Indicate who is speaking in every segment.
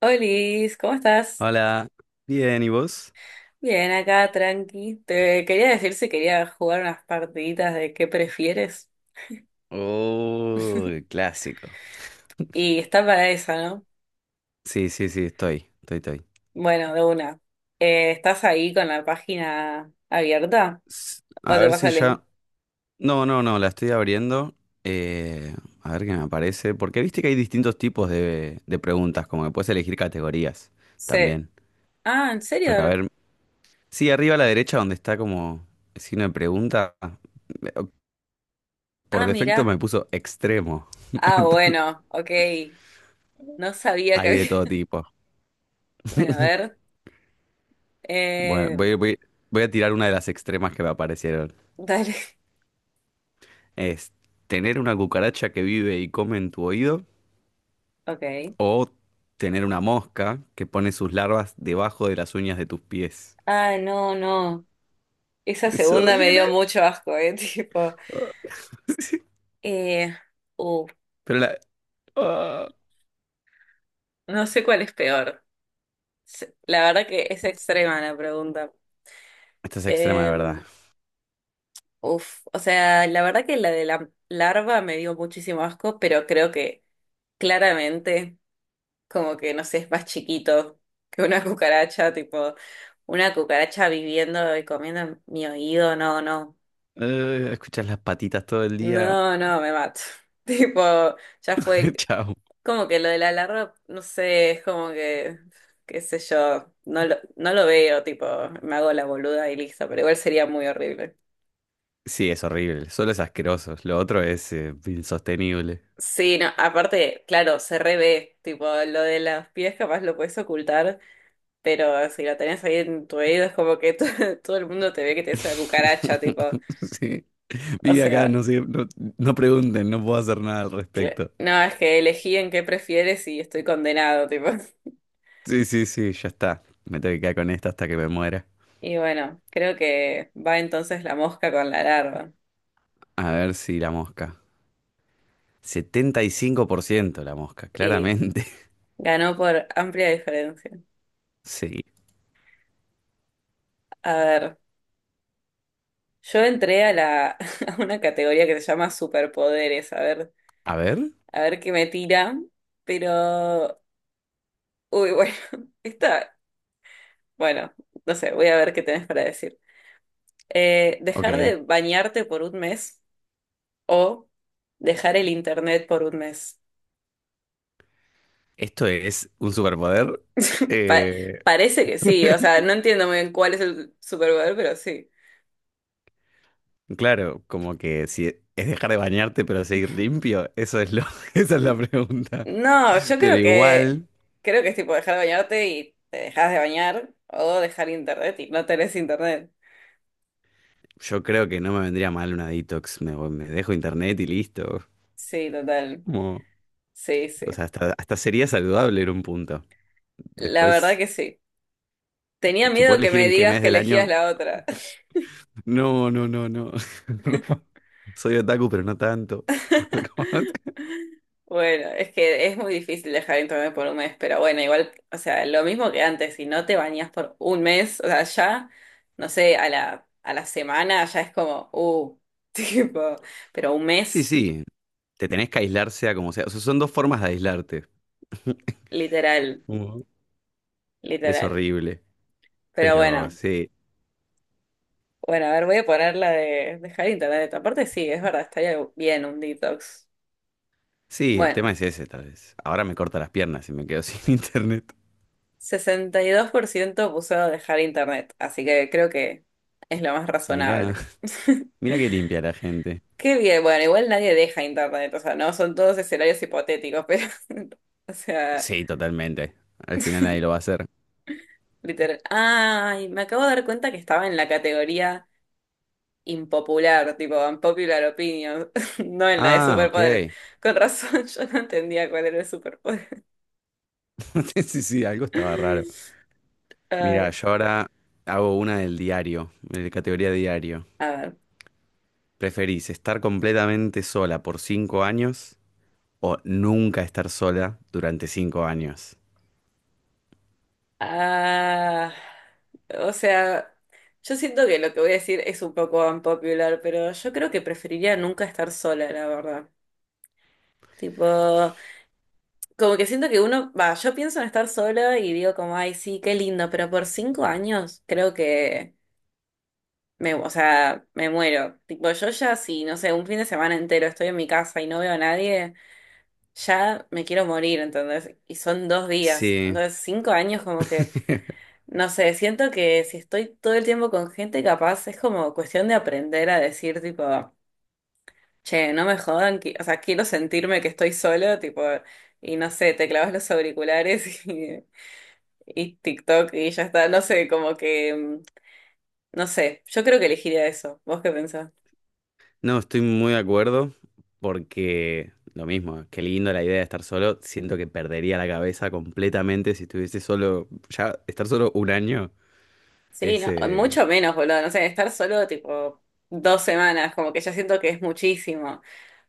Speaker 1: Olis, ¿cómo estás?
Speaker 2: Hola, bien, ¿y vos?
Speaker 1: Bien, acá, tranqui. Te quería decir si quería jugar unas partiditas de qué prefieres.
Speaker 2: Oh, clásico.
Speaker 1: Y está para esa, ¿no?
Speaker 2: Sí, sí, sí, estoy.
Speaker 1: Bueno, de una. ¿Estás ahí con la página abierta? ¿O
Speaker 2: A
Speaker 1: te
Speaker 2: ver
Speaker 1: pasa
Speaker 2: si
Speaker 1: el link?
Speaker 2: ya... No, no, no, la estoy abriendo. eh, a ver qué me aparece. Porque viste que hay distintos tipos de preguntas, como que puedes elegir categorías
Speaker 1: Sí.
Speaker 2: también.
Speaker 1: Ah, ¿en
Speaker 2: Pero a
Speaker 1: serio?
Speaker 2: ver, sí, arriba a la derecha donde está como el signo de pregunta, eh, por
Speaker 1: Ah,
Speaker 2: defecto
Speaker 1: mirá.
Speaker 2: me puso extremo.
Speaker 1: Ah, bueno, ok. No sabía que
Speaker 2: Hay de
Speaker 1: había.
Speaker 2: todo tipo.
Speaker 1: Bueno, a ver.
Speaker 2: Bueno,
Speaker 1: Eh,
Speaker 2: voy a tirar una de las extremas que me aparecieron.
Speaker 1: dale.
Speaker 2: Es tener una cucaracha que vive y come en tu oído
Speaker 1: Ok.
Speaker 2: o tener una mosca que pone sus larvas debajo de las uñas de tus pies.
Speaker 1: Ah, no, no. Esa
Speaker 2: Es
Speaker 1: segunda me dio
Speaker 2: horrible.
Speaker 1: mucho asco, ¿eh? Tipo.
Speaker 2: Ah, sí.
Speaker 1: Eh. Uf.
Speaker 2: Pero la... ah.
Speaker 1: No sé cuál es peor. La verdad que es extrema la pregunta.
Speaker 2: Esta es extrema de
Speaker 1: Eh,
Speaker 2: verdad.
Speaker 1: uf, o sea, la verdad que la de la larva me dio muchísimo asco, pero creo que claramente, como que no sé, es más chiquito que una cucaracha, tipo, una cucaracha viviendo y comiendo en mi oído, no, no,
Speaker 2: Escuchas las patitas todo el día.
Speaker 1: no, no, me mato. Tipo, ya fue,
Speaker 2: Chao.
Speaker 1: como que lo de la larva, no sé, es como que, qué sé yo, no lo veo, tipo, me hago la boluda y listo, pero igual sería muy horrible.
Speaker 2: Sí, es horrible. Solo es asqueroso. Lo otro es insostenible.
Speaker 1: Sí, no, aparte, claro, se revé, tipo, lo de las pies capaz lo puedes ocultar, pero si lo tenés ahí en tu oído es como que todo el mundo te ve que te es una cucaracha, tipo,
Speaker 2: Sí.
Speaker 1: o
Speaker 2: Vive acá,
Speaker 1: sea,
Speaker 2: no sé, no, no pregunten, no puedo hacer nada al respecto.
Speaker 1: no, es que elegí en qué prefieres y estoy condenado, tipo.
Speaker 2: Sí, sí, sí, ya está. Me tengo que quedar con esta hasta que me muera.
Speaker 1: Y bueno, creo que va entonces la mosca con la larva.
Speaker 2: A ver si la mosca. Setenta y cinco por ciento la mosca, claramente.
Speaker 1: Ganó por amplia diferencia.
Speaker 2: Sí.
Speaker 1: A ver, yo entré a la a una categoría que se llama superpoderes,
Speaker 2: A ver.
Speaker 1: a ver qué me tira, pero uy, bueno, está, bueno, no sé, voy a ver qué tenés para decir. Dejar
Speaker 2: Ok.
Speaker 1: de bañarte por un mes o dejar el internet por un mes.
Speaker 2: Esto es un superpoder.
Speaker 1: Pa-
Speaker 2: Eh,
Speaker 1: parece que sí, o sea, no entiendo muy bien cuál es el superpoder, pero sí.
Speaker 2: Claro, como que si es dejar de bañarte pero seguir limpio, esa es la pregunta.
Speaker 1: No, yo
Speaker 2: Pero
Speaker 1: creo que
Speaker 2: igual,
Speaker 1: es tipo dejar de bañarte y te dejas de bañar o dejar internet y no tenés internet.
Speaker 2: yo creo que no me vendría mal una detox. Me dejo internet y listo.
Speaker 1: Sí, total.
Speaker 2: Como,
Speaker 1: Sí, sí.
Speaker 2: o sea, hasta sería saludable en un punto.
Speaker 1: La verdad
Speaker 2: Después.
Speaker 1: que sí. Tenía
Speaker 2: Si puedo
Speaker 1: miedo que
Speaker 2: elegir
Speaker 1: me
Speaker 2: en qué
Speaker 1: digas
Speaker 2: mes
Speaker 1: que
Speaker 2: del
Speaker 1: elegías
Speaker 2: año.
Speaker 1: la otra.
Speaker 2: No, no, no, no. Soy otaku, pero no tanto. Como-
Speaker 1: Bueno, es que es muy difícil dejar internet por un mes, pero bueno, igual, o sea, lo mismo que antes, si no te bañas por un mes, o sea, ya, no sé, a la semana ya es como, tipo, pero un
Speaker 2: Sí,
Speaker 1: mes,
Speaker 2: sí. Te tenés que aislar sea como sea. O sea, son dos formas de aislarte.
Speaker 1: literal,
Speaker 2: Como- Es
Speaker 1: literal.
Speaker 2: horrible.
Speaker 1: Pero
Speaker 2: Pero
Speaker 1: bueno.
Speaker 2: sí.
Speaker 1: Bueno, a ver, voy a poner la de dejar internet. Aparte, sí, es verdad, estaría bien un detox.
Speaker 2: Sí, el
Speaker 1: Bueno,
Speaker 2: tema es ese, tal vez. Ahora me corta las piernas y me quedo sin internet.
Speaker 1: 62% puso dejar internet, así que creo que es lo más
Speaker 2: Mirá,
Speaker 1: razonable.
Speaker 2: mirá que limpia la gente.
Speaker 1: Qué bien, bueno, igual nadie deja internet, o sea, no son todos escenarios hipotéticos, pero, o sea,
Speaker 2: Sí, totalmente. Al final nadie lo va a hacer.
Speaker 1: literal. Ay, me acabo de dar cuenta que estaba en la categoría impopular, tipo unpopular opinion, no en la de
Speaker 2: Ah,
Speaker 1: superpoderes.
Speaker 2: ok.
Speaker 1: Con razón, yo no entendía cuál era el superpoder.
Speaker 2: Sí, sí, algo estaba raro. Mira,
Speaker 1: Ay,
Speaker 2: yo ahora hago una del diario, de categoría diario.
Speaker 1: a ver.
Speaker 2: ¿Preferís estar completamente sola por 5 años o nunca estar sola durante 5 años?
Speaker 1: Ah, o sea, yo siento que lo que voy a decir es un poco unpopular, pero yo creo que preferiría nunca estar sola, la verdad. Tipo, como que siento que uno, va, yo pienso en estar sola y digo como, ay, sí, qué lindo, pero por 5 años creo que me, o sea, me muero. Tipo, yo ya si, no sé, un fin de semana entero estoy en mi casa y no veo a nadie, ya me quiero morir, entonces, y son 2 días.
Speaker 2: Sí,
Speaker 1: Entonces, 5 años como que no sé, siento que si estoy todo el tiempo con gente capaz, es como cuestión de aprender a decir, tipo, che, no me jodan, o sea, quiero sentirme que estoy solo, tipo, y no sé, te clavas los auriculares y TikTok y ya está, no sé, como que, no sé, yo creo que elegiría eso. ¿Vos qué pensás?
Speaker 2: no, estoy muy de acuerdo porque lo mismo, qué lindo la idea de estar solo, siento que perdería la cabeza completamente si estuviese solo, ya estar solo un año
Speaker 1: Sí,
Speaker 2: es...
Speaker 1: no, mucho menos, boludo, no sé, estar solo, tipo, 2 semanas, como que ya siento que es muchísimo.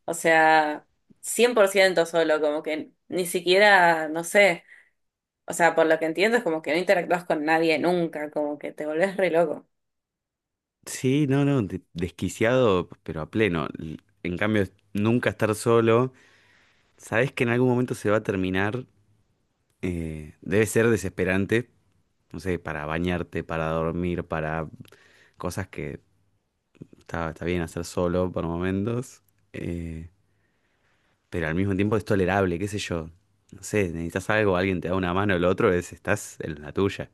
Speaker 1: O sea, 100% solo, como que ni siquiera, no sé. O sea, por lo que entiendo es como que no interactúas con nadie nunca, como que te volvés re loco.
Speaker 2: Sí, no, no, desquiciado, pero a pleno. En cambio, nunca estar solo, sabes que en algún momento se va a terminar, debe ser desesperante no sé, para bañarte, para dormir, para cosas que está bien hacer solo por momentos, eh, pero al mismo tiempo es tolerable, qué sé yo. No sé, necesitas algo, alguien te da una mano, el otro es, estás en la tuya.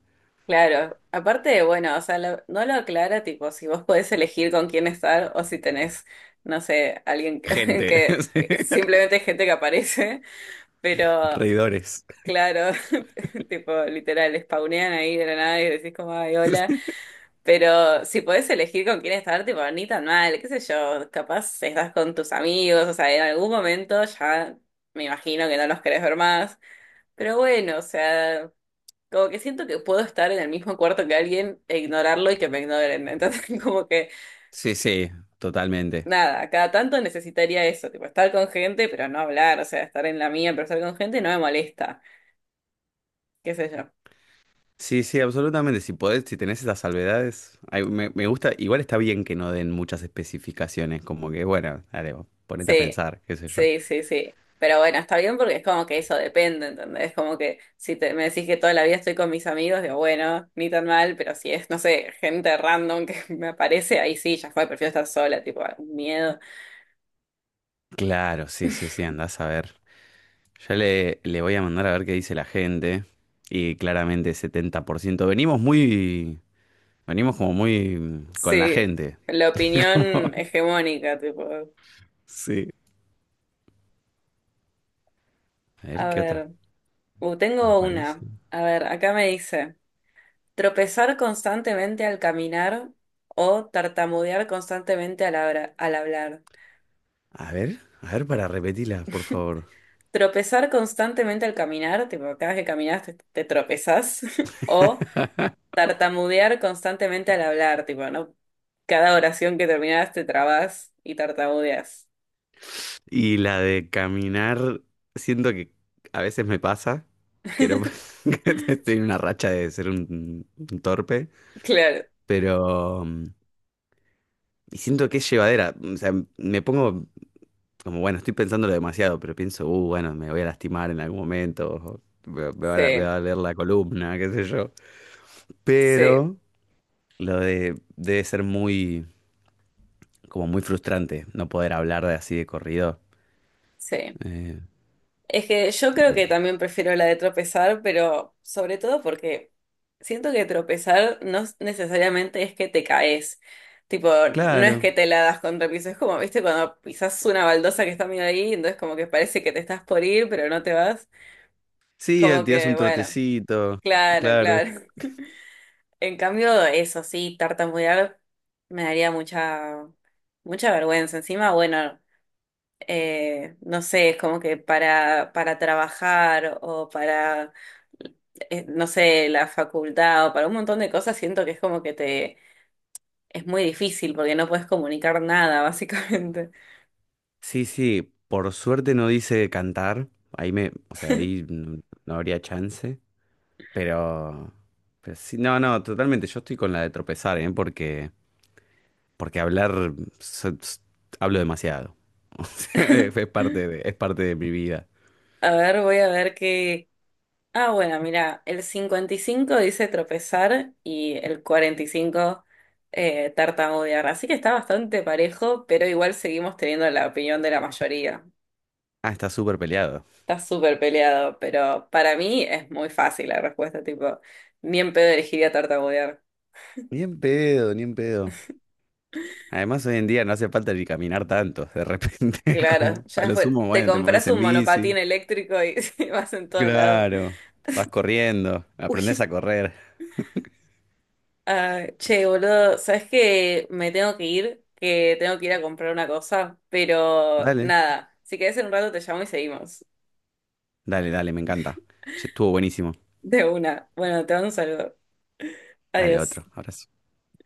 Speaker 1: Claro, aparte, bueno, o sea, no lo aclara tipo si vos podés elegir con quién estar o si tenés, no sé, alguien
Speaker 2: Gente, sí,
Speaker 1: que simplemente es gente que aparece, pero
Speaker 2: reidores.
Speaker 1: claro, tipo literal, spawnean ahí de la nada y decís como, ay, hola, pero si podés elegir con quién estar, tipo, ni tan mal, qué sé yo, capaz estás con tus amigos, o sea, en algún momento ya me imagino que no los querés ver más. Pero bueno, o sea, como que siento que puedo estar en el mismo cuarto que alguien e ignorarlo y que me ignoren. Entonces, como que
Speaker 2: Sí, sí, totalmente.
Speaker 1: nada, cada tanto necesitaría eso, tipo estar con gente, pero no hablar, o sea, estar en la mía, pero estar con gente no me molesta, qué sé yo.
Speaker 2: Sí, sí, absolutamente. Si podés, si tenés esas salvedades, ay, me gusta, igual está bien que no den muchas especificaciones, como que, bueno, dale, vos ponete a
Speaker 1: Sí,
Speaker 2: pensar, qué sé yo.
Speaker 1: sí, sí, sí. Pero bueno, está bien porque es como que eso depende, ¿entendés? Como que si me decís que toda la vida estoy con mis amigos, digo, bueno, ni tan mal, pero si es, no sé, gente random que me aparece, ahí sí, ya fue, prefiero estar sola, tipo, miedo.
Speaker 2: Claro, sí, sí, sí, andás a ver. Ya le voy a mandar a ver qué dice la gente. Y claramente 70% venimos muy. Venimos como muy con la
Speaker 1: Sí,
Speaker 2: gente.
Speaker 1: la
Speaker 2: Como-
Speaker 1: opinión hegemónica, tipo.
Speaker 2: sí. A ver
Speaker 1: A
Speaker 2: qué otras
Speaker 1: ver, tengo una.
Speaker 2: aparecen.
Speaker 1: A ver, acá me dice, tropezar constantemente al caminar o tartamudear constantemente al hablar.
Speaker 2: A ver para repetirla, por favor.
Speaker 1: Tropezar constantemente al caminar, tipo, cada vez que caminas te tropezás, o tartamudear constantemente al hablar, tipo, ¿no? Cada oración que terminás te trabas y tartamudeas.
Speaker 2: Y la de caminar. Siento que a veces me pasa. Que no. Que estoy en una racha de ser un torpe.
Speaker 1: Claro,
Speaker 2: Pero. Y siento que es llevadera. O sea, me pongo como bueno, estoy pensándolo demasiado, pero pienso, bueno, me voy a lastimar en algún momento, o me, me va a, me
Speaker 1: sí,
Speaker 2: va a doler la columna, qué sé yo.
Speaker 1: sí,
Speaker 2: Pero lo de debe ser muy, como muy frustrante no poder hablar de así de corrido.
Speaker 1: sí.
Speaker 2: Eh,
Speaker 1: Es que yo creo
Speaker 2: de-
Speaker 1: que también prefiero la de tropezar, pero sobre todo porque siento que tropezar no es- necesariamente es que te caes. Tipo, no es
Speaker 2: claro,
Speaker 1: que te la das contra el piso, es como, viste, cuando pisas una baldosa que está medio ahí, entonces como que parece que te estás por ir, pero no te vas.
Speaker 2: sí,
Speaker 1: Como
Speaker 2: tirás
Speaker 1: que,
Speaker 2: un
Speaker 1: bueno,
Speaker 2: trotecito,
Speaker 1: claro,
Speaker 2: claro.
Speaker 1: claro. En cambio, eso sí, tartamudear me daría mucha, mucha vergüenza. Encima, bueno, no sé, es como que para trabajar o para, no sé, la facultad o para un montón de cosas, siento que es como que te, es muy difícil porque no puedes comunicar nada, básicamente.
Speaker 2: Sí, sí, por suerte no dice cantar, ahí me, o sea, ahí no, no habría chance, pero, pero sí, no, no, totalmente, yo estoy con la de tropezar, ¿eh? Porque... Porque hablar, so- s- hablo demasiado. O sea, Es es parte de, es parte de mi vida.
Speaker 1: A ver, voy a ver qué... Ah, bueno, mira, el 55 dice tropezar y el 45 tartamudear, así que está bastante parejo, pero igual seguimos teniendo la opinión de la mayoría.
Speaker 2: Ah, está súper peleado.
Speaker 1: Está súper peleado, pero para mí es muy fácil la respuesta, tipo, ni en pedo elegiría tartamudear.
Speaker 2: Ni en pedo, ni en pedo. Además, hoy en día no hace falta ni caminar tanto. De repente,
Speaker 1: Claro,
Speaker 2: como a
Speaker 1: ya
Speaker 2: lo
Speaker 1: fue.
Speaker 2: sumo,
Speaker 1: Te
Speaker 2: bueno, te
Speaker 1: compras
Speaker 2: mueves en
Speaker 1: un monopatín
Speaker 2: bici.
Speaker 1: eléctrico y vas en todos lados.
Speaker 2: Claro, vas corriendo,
Speaker 1: Uy,
Speaker 2: aprendes a correr.
Speaker 1: ah, che, boludo, ¿sabes que me tengo que ir, que tengo que ir a comprar una cosa? Pero
Speaker 2: Dale,
Speaker 1: nada, si querés en un rato te llamo y seguimos.
Speaker 2: dale, dale, me encanta. Che, estuvo buenísimo.
Speaker 1: De una. Bueno, te mando un saludo.
Speaker 2: Dale,
Speaker 1: Adiós.
Speaker 2: otro. Ahora sí.